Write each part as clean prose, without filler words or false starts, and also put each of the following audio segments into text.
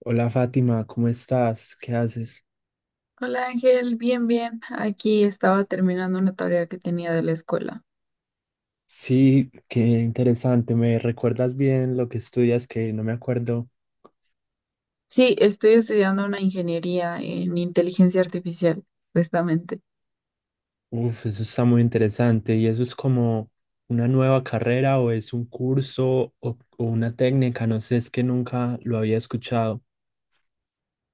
Hola Fátima, ¿cómo estás? ¿Qué haces? Hola Ángel, bien, bien. Aquí estaba terminando una tarea que tenía de la escuela. Sí, qué interesante. ¿Me recuerdas bien lo que estudias que no me acuerdo? Sí, estoy estudiando una ingeniería en inteligencia artificial, justamente. Uf, eso está muy interesante. ¿Y eso es como una nueva carrera o es un curso o una técnica? No sé, es que nunca lo había escuchado.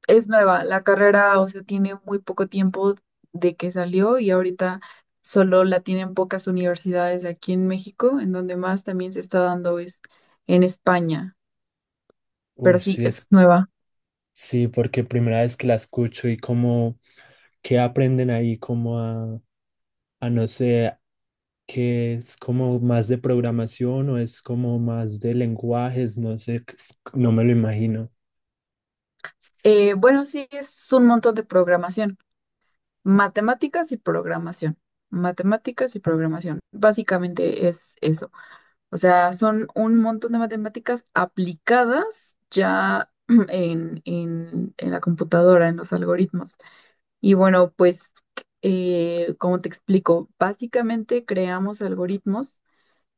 Es nueva, la carrera, o sea, tiene muy poco tiempo de que salió y ahorita solo la tienen pocas universidades aquí en México, en donde más también se está dando es en España, pero Uf, sí, sí, es es, nueva. sí, porque primera vez que la escucho y como, ¿qué aprenden ahí? Como a no sé, que es como más de programación o es como más de lenguajes, no sé, no me lo imagino. Bueno, sí, es un montón de programación. Matemáticas y programación. Matemáticas y programación. Básicamente es eso. O sea, son un montón de matemáticas aplicadas ya en, en la computadora, en los algoritmos. Y bueno, pues, como te explico, básicamente creamos algoritmos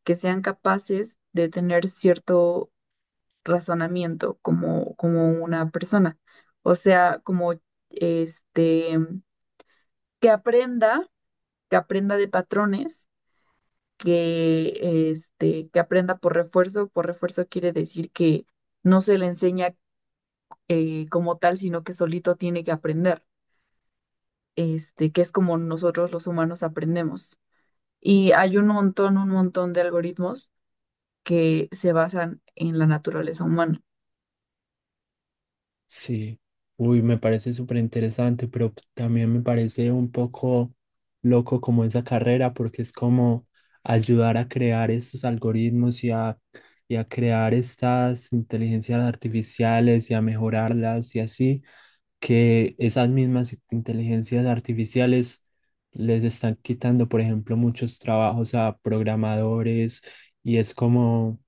que sean capaces de tener cierto razonamiento como una persona. O sea, como este, que aprenda que aprenda de patrones, que aprenda por refuerzo. Por refuerzo quiere decir que no se le enseña como tal, sino que solito tiene que aprender, este, que es como nosotros los humanos aprendemos. Y hay un montón de algoritmos que se basan en la naturaleza humana. Sí, uy, me parece súper interesante, pero también me parece un poco loco como esa carrera, porque es como ayudar a crear estos algoritmos y a crear estas inteligencias artificiales y a mejorarlas y así. Que esas mismas inteligencias artificiales les están quitando, por ejemplo, muchos trabajos a programadores y es como,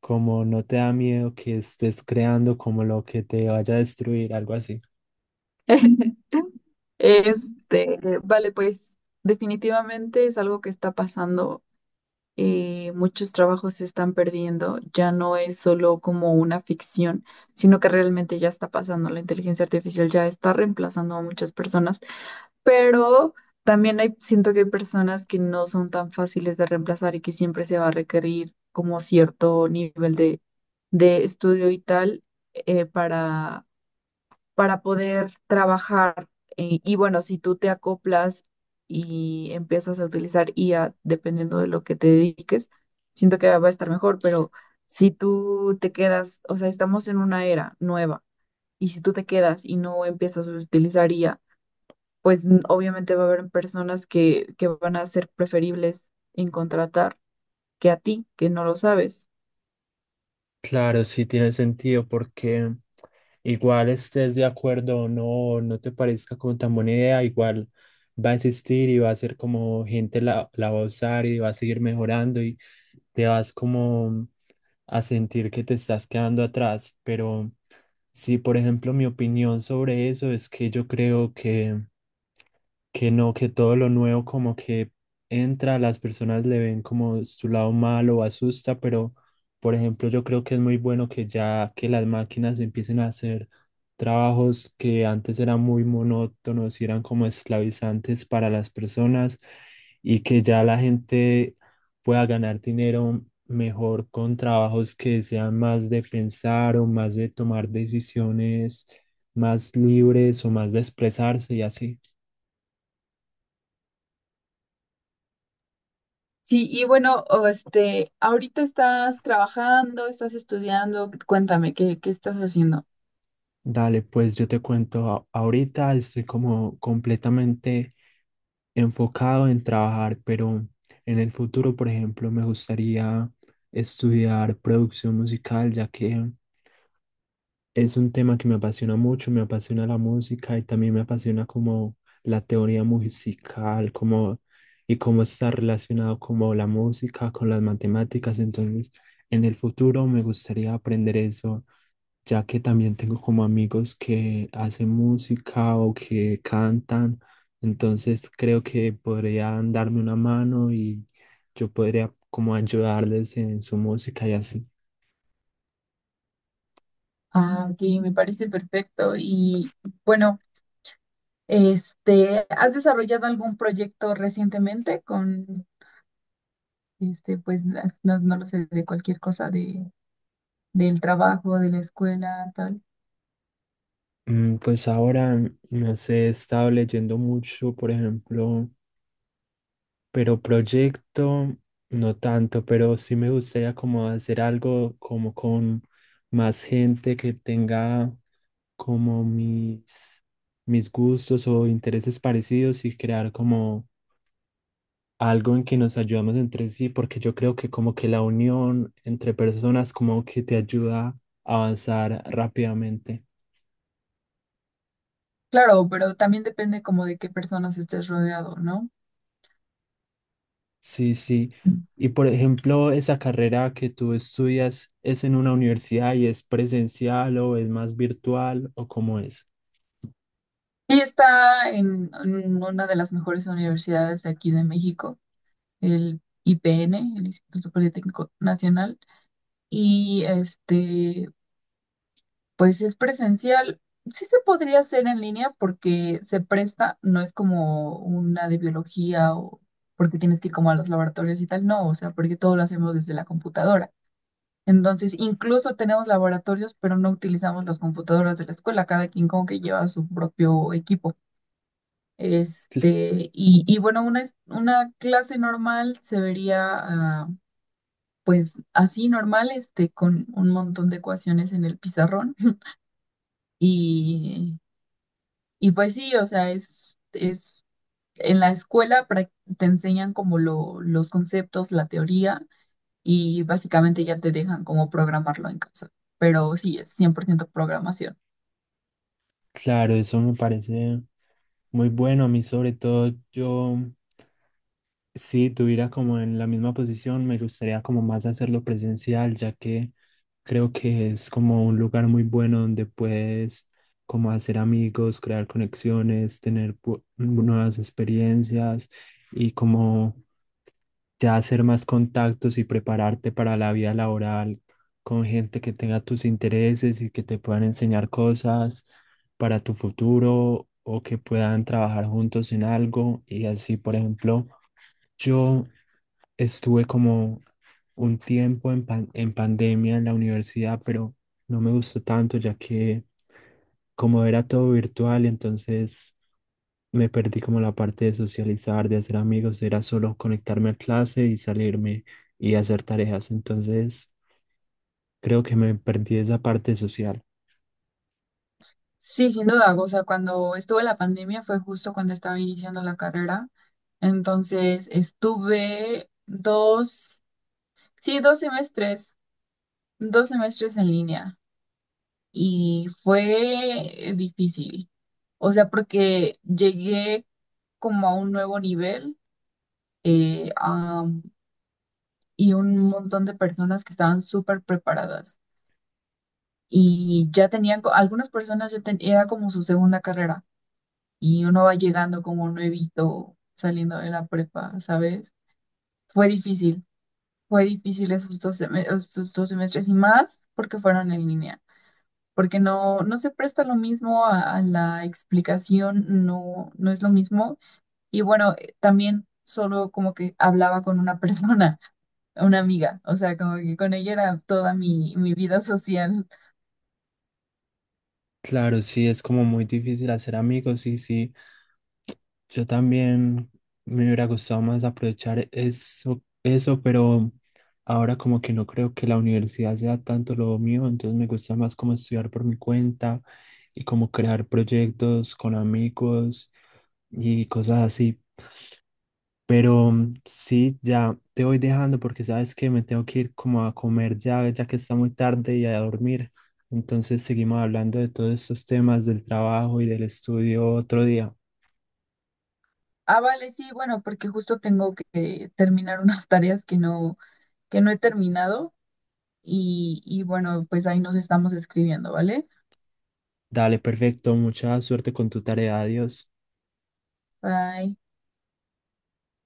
como no te da miedo que estés creando como lo que te vaya a destruir, algo así. Este, vale, pues definitivamente es algo que está pasando, muchos trabajos se están perdiendo, ya no es solo como una ficción, sino que realmente ya está pasando, la inteligencia artificial ya está reemplazando a muchas personas, pero también hay, siento que hay personas que no son tan fáciles de reemplazar y que siempre se va a requerir como cierto nivel de estudio y tal, eh, para poder trabajar. Y bueno, si tú te acoplas y empiezas a utilizar IA dependiendo de lo que te dediques, siento que va a estar mejor, pero si tú te quedas, o sea, estamos en una era nueva y si tú te quedas y no empiezas a utilizar IA, pues obviamente va a haber personas que van a ser preferibles en contratar que a ti, que no lo sabes. Claro, sí tiene sentido porque igual estés de acuerdo o no, no te parezca como tan buena idea, igual va a existir y va a ser como gente la va a usar y va a seguir mejorando y te vas como a sentir que te estás quedando atrás. Pero sí, por ejemplo, mi opinión sobre eso es que yo creo que no, que todo lo nuevo como que entra, las personas le ven como su lado malo o asusta, pero por ejemplo yo creo que es muy bueno que ya que las máquinas empiecen a hacer trabajos que antes eran muy monótonos y eran como esclavizantes para las personas y que ya la gente pueda ganar dinero mejor con trabajos que sean más de pensar o más de tomar decisiones más libres o más de expresarse y así. Sí, y bueno, o este, ahorita estás trabajando, estás estudiando, cuéntame, ¿qué estás haciendo? Dale, pues yo te cuento, ahorita estoy como completamente enfocado en trabajar, pero en el futuro, por ejemplo, me gustaría estudiar producción musical, ya que es un tema que me apasiona mucho, me apasiona la música y también me apasiona como la teoría musical, como y cómo está relacionado como la música con las matemáticas. Entonces, en el futuro me gustaría aprender eso ya que también tengo como amigos que hacen música o que cantan, entonces creo que podrían darme una mano y yo podría como ayudarles en su música y así. Ah, ok, me parece perfecto. Y bueno, este, ¿has desarrollado algún proyecto recientemente con, este, pues, no, no lo sé, de cualquier cosa del trabajo, de la escuela, tal? Pues ahora, no sé, he estado leyendo mucho, por ejemplo, pero proyecto, no tanto, pero sí me gustaría como hacer algo como con más gente que tenga como mis, mis gustos o intereses parecidos y crear como algo en que nos ayudamos entre sí, porque yo creo que como que la unión entre personas como que te ayuda a avanzar rápidamente. Claro, pero también depende como de qué personas estés rodeado, ¿no? Sí, sí. Y por ejemplo, esa carrera que tú estudias, ¿es en una universidad y es presencial o es más virtual o cómo es? Ella está en una de las mejores universidades de aquí de México. El IPN, el Instituto Politécnico Nacional, y este, pues es presencial. Sí se podría hacer en línea porque se presta, no es como una de biología o porque tienes que ir como a los laboratorios y tal, no, o sea, porque todo lo hacemos desde la computadora. Entonces, incluso tenemos laboratorios, pero no utilizamos las computadoras de la escuela, cada quien como que lleva su propio equipo. Cl- Este, y, una clase normal se vería, ah, pues así normal, este, con un montón de ecuaciones en el pizarrón. Y, y pues sí, o sea, es en la escuela te enseñan como los conceptos, la teoría, y básicamente ya te dejan como programarlo en casa. Pero sí, es 100% programación. Claro, eso me parece muy bueno a mí, sobre todo yo. Si tuviera como en la misma posición, me gustaría como más hacerlo presencial, ya que creo que es como un lugar muy bueno donde puedes como hacer amigos, crear conexiones, tener nuevas experiencias y como ya hacer más contactos y prepararte para la vida laboral con gente que tenga tus intereses y que te puedan enseñar cosas para tu futuro o que puedan trabajar juntos en algo y así, por ejemplo. Yo estuve como un tiempo en, en pandemia en la universidad, pero no me gustó tanto ya que como era todo virtual, entonces me perdí como la parte de socializar, de hacer amigos, era solo conectarme a clase y salirme y hacer tareas, entonces creo que me perdí esa parte social. Sí, sin duda. O sea, cuando estuve la pandemia fue justo cuando estaba iniciando la carrera. Entonces estuve dos, sí, 2 semestres, 2 semestres en línea. Y fue difícil. O sea, porque llegué como a un nuevo nivel, eh, am, y un montón de personas que estaban súper preparadas y ya tenían, algunas personas ya era como su segunda carrera y uno va llegando como nuevito saliendo de la prepa, ¿sabes? Fue difícil, fue difícil esos 2 semestres y más porque fueron en línea. Porque no, no se presta lo mismo a la explicación, no, no es lo mismo. Y bueno, también solo como que hablaba con una persona, una amiga, o sea, como que con ella era toda mi vida social. Claro, sí, es como muy difícil hacer amigos y sí, yo también me hubiera gustado más aprovechar eso, eso, pero ahora como que no creo que la universidad sea tanto lo mío, entonces me gusta más como estudiar por mi cuenta y como crear proyectos con amigos y cosas así. Pero sí, ya te voy dejando porque sabes que me tengo que ir como a comer ya, ya que está muy tarde y a dormir. Entonces seguimos hablando de todos estos temas del trabajo y del estudio otro día. Ah, vale, sí, bueno, porque justo tengo que terminar unas tareas que no he terminado y bueno, pues ahí nos estamos escribiendo, ¿vale? Dale, perfecto. Mucha suerte con tu tarea. Adiós. Bye.